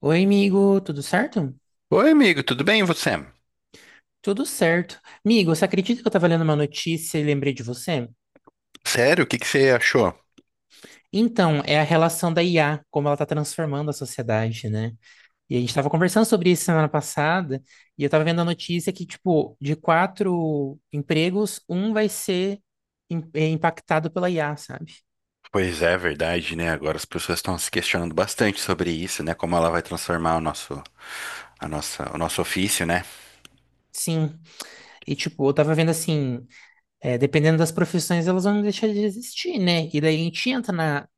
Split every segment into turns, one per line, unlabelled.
Oi, amigo, tudo certo?
Oi, amigo, tudo bem? E você?
Tudo certo. Amigo, você acredita que eu estava lendo uma notícia e lembrei de você?
Sério, o que que você achou?
Então, é a relação da IA, como ela está transformando a sociedade, né? E a gente estava conversando sobre isso semana passada, e eu estava vendo a notícia que, tipo, de quatro empregos, um vai ser impactado pela IA, sabe?
Pois é, verdade, né? Agora as pessoas estão se questionando bastante sobre isso, né? Como ela vai transformar o nosso, a nossa, o nosso ofício, né?
Sim. E, tipo, eu tava vendo assim, dependendo das profissões, elas vão deixar de existir, né? E daí a gente entra na,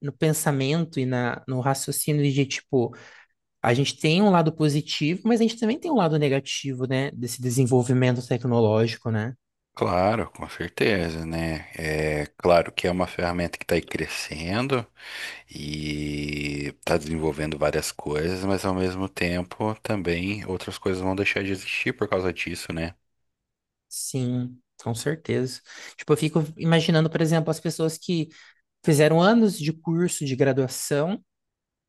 no pensamento e no raciocínio de, tipo, a gente tem um lado positivo, mas a gente também tem um lado negativo, né? Desse desenvolvimento tecnológico, né?
Claro, com certeza, né? É claro que é uma ferramenta que está aí crescendo e está desenvolvendo várias coisas, mas ao mesmo tempo também outras coisas vão deixar de existir por causa disso, né?
Sim, com certeza. Tipo, eu fico imaginando, por exemplo, as pessoas que fizeram anos de curso de graduação,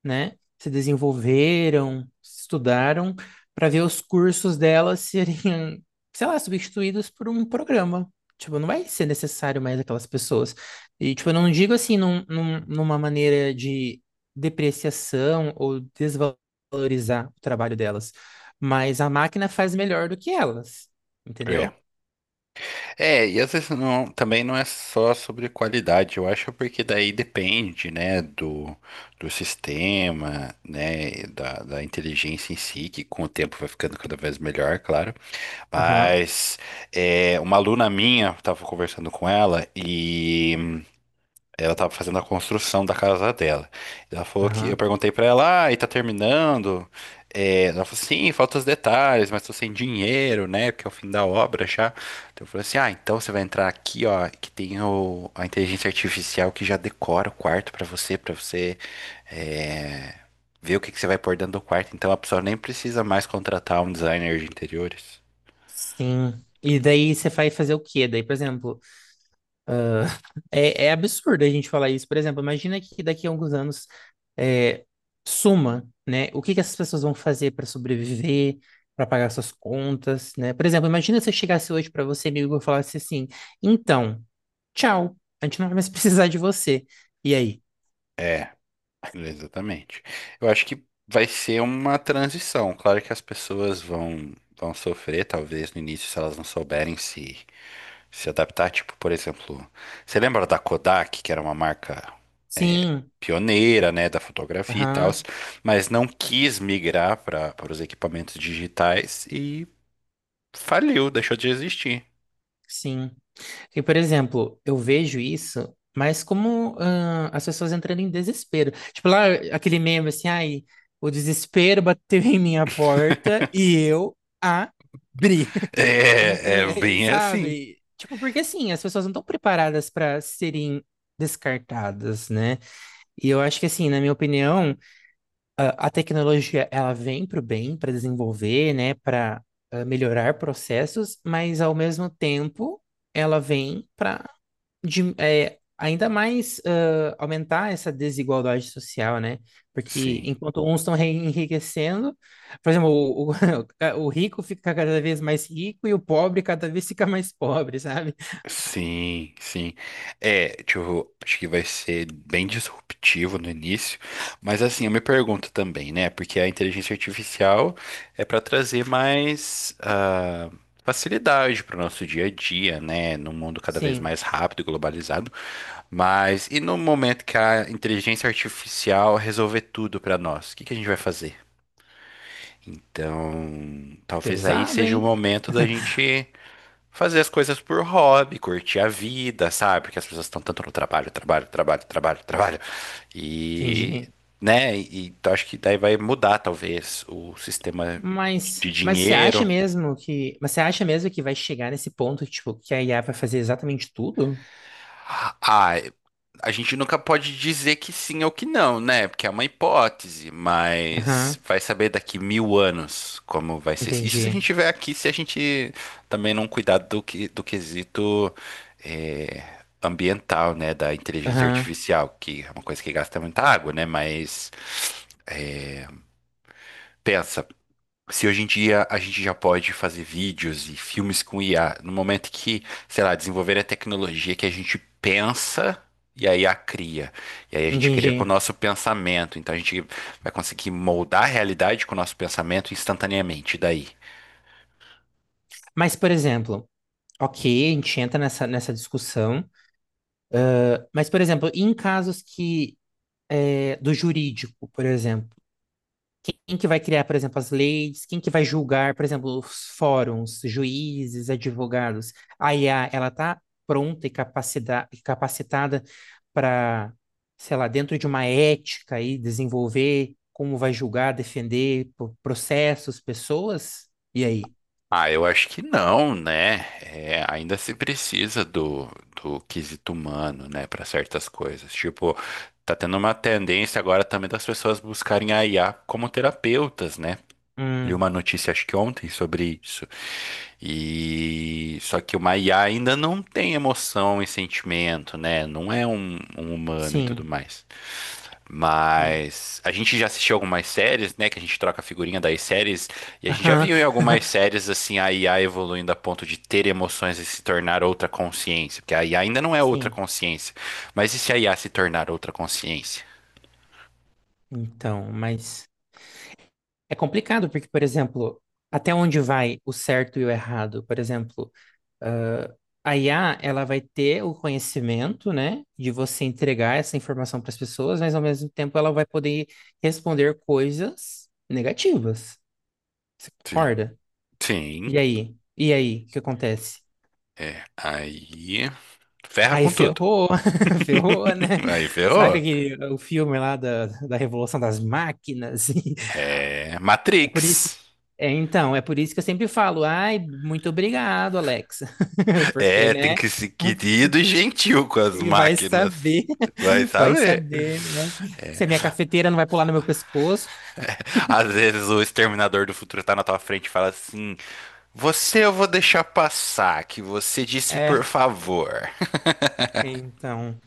né? Se desenvolveram, estudaram para ver os cursos delas serem, sei lá, substituídos por um programa. Tipo, não vai ser necessário mais aquelas pessoas. E, tipo, eu não digo assim numa maneira de depreciação ou desvalorizar o trabalho delas, mas a máquina faz melhor do que elas, entendeu?
É, e às vezes não, também não é só sobre qualidade, eu acho porque daí depende, né, do sistema, né, e da inteligência em si, que com o tempo vai ficando cada vez melhor, claro.
Aham,
Mas uma aluna minha, eu tava conversando com ela e ela tava fazendo a construção da casa dela. Ela falou que eu
aham,
perguntei pra ela, ah, e tá terminando? É, ela falou, sim, faltam os detalhes, mas tô sem dinheiro, né? Porque é o fim da obra já. Então eu falei assim, ah, então você vai entrar aqui, ó, que tem o, a inteligência artificial que já decora o quarto pra você, é, ver o que que você vai pôr dentro do quarto. Então a pessoa nem precisa mais contratar um designer de interiores.
sim. E daí você vai fazer o quê? Daí, por exemplo. É absurdo a gente falar isso. Por exemplo, imagina que daqui a alguns anos é, suma, né? O que que essas pessoas vão fazer para sobreviver, para pagar suas contas, né? Por exemplo, imagina se eu chegasse hoje para você, amigo, e eu falasse assim: então, tchau, a gente não vai mais precisar de você. E aí?
É. Exatamente. Eu acho que vai ser uma transição. Claro que as pessoas vão sofrer, talvez, no início, se elas não souberem se adaptar. Tipo, por exemplo, você lembra da Kodak, que era uma marca
Sim,
pioneira, né, da fotografia e tal,
aham,
mas não quis migrar para os equipamentos digitais e faliu, deixou de existir.
sim. E, por exemplo, eu vejo isso, mas como as pessoas entrando em desespero. Tipo, lá aquele meme assim, ai, o desespero bateu em minha porta e eu abri. Então,
É, é bem assim.
sabe? Tipo, porque assim, as pessoas não estão preparadas para serem descartadas, né? E eu acho que assim, na minha opinião, a tecnologia ela vem para o bem, para desenvolver, né, para melhorar processos, mas ao mesmo tempo ela vem para ainda mais aumentar essa desigualdade social, né? Porque
Sim.
enquanto uns estão enriquecendo, por exemplo, o rico fica cada vez mais rico e o pobre cada vez fica mais pobre, sabe?
Sim, sim. É, tipo, acho que vai ser bem disruptivo no início, mas assim, eu me pergunto também, né? Porque a inteligência artificial é para trazer mais facilidade para o nosso dia a dia, né? Num mundo cada vez
Sim,
mais rápido e globalizado. Mas e no momento que a inteligência artificial resolver tudo para nós, o que que a gente vai fazer? Então, talvez aí
pesado,
seja o
hein?
momento da gente fazer as coisas por hobby, curtir a vida, sabe? Porque as pessoas estão tanto no trabalho, trabalho, trabalho, trabalho, trabalho. E,
Entendi.
né? E, então acho que daí vai mudar, talvez, o sistema
Mas,
de
mas você acha
dinheiro.
mesmo que, mas você acha mesmo que vai chegar nesse ponto, tipo, que a IA vai fazer exatamente tudo?
Ah, a gente nunca pode dizer que sim ou que não, né? Porque é uma hipótese,
Aham,
mas vai saber daqui mil anos como vai ser. Isso se a gente
entendi.
tiver aqui, se a gente também não cuidar do, que, do quesito eh, ambiental, né? Da inteligência
Aham,
artificial, que é uma coisa que gasta muita água, né? Mas pensa, se hoje em dia a gente já pode fazer vídeos e filmes com IA, no momento que, sei lá, desenvolver a tecnologia que a gente pensa e aí a IA cria. E aí a gente cria com o
entendi.
nosso pensamento. Então a gente vai conseguir moldar a realidade com o nosso pensamento instantaneamente. E daí?
Mas, por exemplo, ok, a gente entra nessa discussão. Mas, por exemplo, em casos que do jurídico, por exemplo, quem que vai criar, por exemplo, as leis? Quem que vai julgar, por exemplo, os fóruns, juízes, advogados? A IA, ela está pronta e capacitada para, sei lá, dentro de uma ética aí, desenvolver como vai julgar, defender processos, pessoas? E aí?
Ah, eu acho que não, né? É, ainda se precisa do quesito humano, né, para certas coisas. Tipo, tá tendo uma tendência agora também das pessoas buscarem a IA como terapeutas, né? Li uma
Hum,
notícia, acho que ontem, sobre isso. E só que uma IA ainda não tem emoção e sentimento, né? Não é um humano e tudo
sim.
mais.
Hum.
Mas a gente já assistiu algumas séries, né? Que a gente troca a figurinha das séries, e a gente já
Aham.
viu em algumas séries assim a IA evoluindo a ponto de ter emoções e se tornar outra consciência. Porque a IA ainda não é outra
Sim.
consciência. Mas e se a IA se tornar outra consciência?
Então, mas é complicado porque, por exemplo, até onde vai o certo e o errado? Por exemplo, ah, a IA, ela vai ter o conhecimento, né, de você entregar essa informação para as pessoas, mas ao mesmo tempo ela vai poder responder coisas negativas. Você
Sim.
concorda? E
Sim.
aí? E aí? O que acontece?
É. Aí ferra
Aí
com tudo.
ferrou, ferrou, né?
Aí
Sabe
ferrou.
aquele, o filme lá da Revolução das Máquinas?
É
É por isso.
Matrix.
É, então, é por isso que eu sempre falo, ai, muito obrigado, Alexa. Porque,
É, tem
né?
que ser querido e gentil com as
E vai
máquinas.
saber,
Vai
vai
saber.
saber, né? Se a minha cafeteira não vai pular no meu pescoço.
É, às vezes o exterminador do futuro tá na tua frente e fala assim: Você eu vou deixar passar, que você disse
É,
por favor.
então.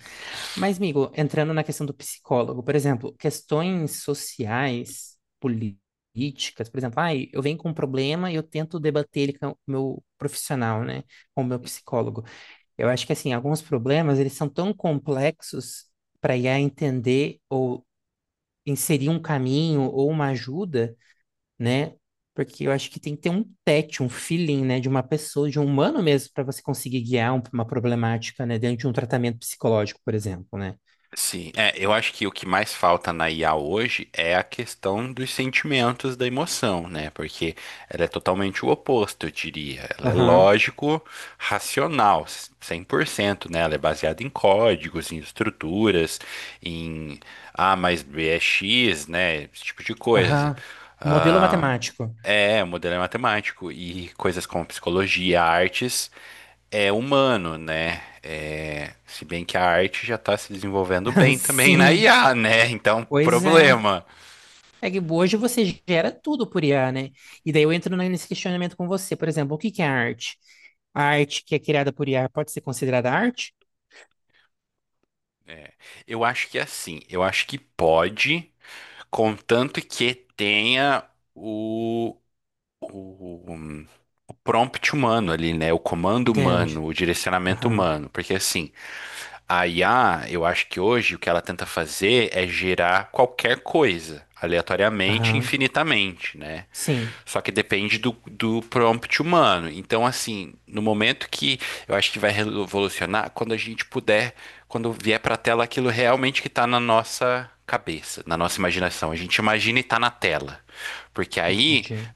Mas, amigo, entrando na questão do psicólogo, por exemplo, questões sociais, políticas, por exemplo, ai, eu venho com um problema e eu tento debater ele com o meu profissional, né? Com o meu psicólogo. Eu acho que assim, alguns problemas eles são tão complexos para I a entender ou inserir um caminho ou uma ajuda, né? Porque eu acho que tem que ter um tete, um feeling, né, de uma pessoa, de um humano mesmo, para você conseguir guiar uma problemática, né, dentro de um tratamento psicológico, por exemplo, né?
Sim, é, eu acho que o que mais falta na IA hoje é a questão dos sentimentos, da emoção, né? Porque ela é totalmente o oposto, eu diria. Ela é
Aham,
lógico, racional, 100% né? Ela é baseada em códigos, em estruturas, em A mais B é X, né? Esse tipo de coisa.
aham. Modelo
Ah,
matemático.
é, o modelo é matemático e coisas como psicologia, artes é humano, né? É, se bem que a arte já está se desenvolvendo bem também na
Sim,
IA, né? Então,
pois é.
problema.
É que hoje você gera tudo por IA, né? E daí eu entro nesse questionamento com você. Por exemplo, o que que é arte? A arte que é criada por IA pode ser considerada arte?
É, eu acho que é assim, eu acho que pode, contanto que tenha o, o, o prompt humano ali, né? O comando
Entende?
humano, o direcionamento
Aham,
humano. Porque assim, a IA, eu acho que hoje o que ela tenta fazer é gerar qualquer coisa, aleatoriamente,
aham.
infinitamente, né?
Sim,
Só que depende do prompt humano. Então, assim, no momento que eu acho que vai revolucionar, quando a gente puder, quando vier para a tela aquilo realmente que está na nossa cabeça, na nossa imaginação. A gente imagina e está na tela. Porque aí
entendi.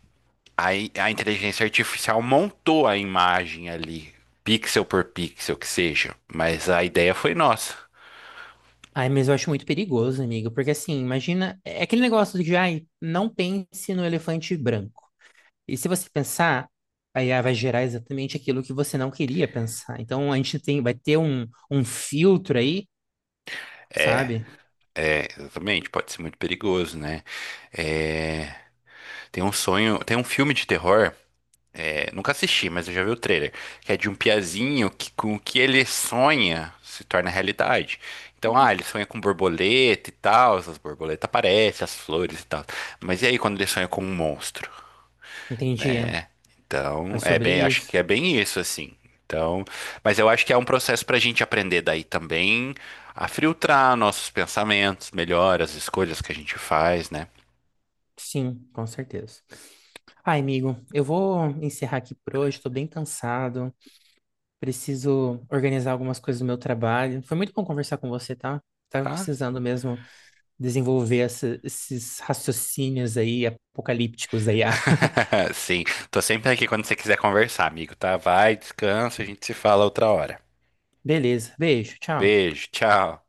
a, a inteligência artificial montou a imagem ali, pixel por pixel que seja, mas a ideia foi nossa.
Ai, mas eu acho muito perigoso, amigo, porque assim, imagina, é aquele negócio de ai, não pense no elefante branco. E se você pensar, a IA vai gerar exatamente aquilo que você não queria pensar. Então a gente tem, vai ter um filtro aí, sabe?
É, exatamente, pode ser muito perigoso, né? É, tem um sonho, tem um filme de terror, é, nunca assisti, mas eu já vi o trailer, que é de um piazinho que com o que ele sonha se torna realidade. Então, ah, ele sonha com borboleta e tal, as borboletas aparecem, as flores e tal. Mas e aí quando ele sonha com um monstro?
Entendi.
Né? Então,
É
é
sobre
bem, acho
isso.
que é bem isso, assim. Então, mas eu acho que é um processo para a gente aprender daí também a filtrar nossos pensamentos melhor, as escolhas que a gente faz, né?
Sim, com certeza. Ai, amigo, eu vou encerrar aqui por hoje, estou bem cansado, preciso organizar algumas coisas do meu trabalho. Foi muito bom conversar com você, tá? Tava
Tá?
precisando mesmo desenvolver esses raciocínios aí apocalípticos aí. ah.
Sim, tô sempre aqui quando você quiser conversar, amigo, tá? Vai, descansa, a gente se fala outra hora.
Beleza, beijo, tchau.
Beijo, tchau.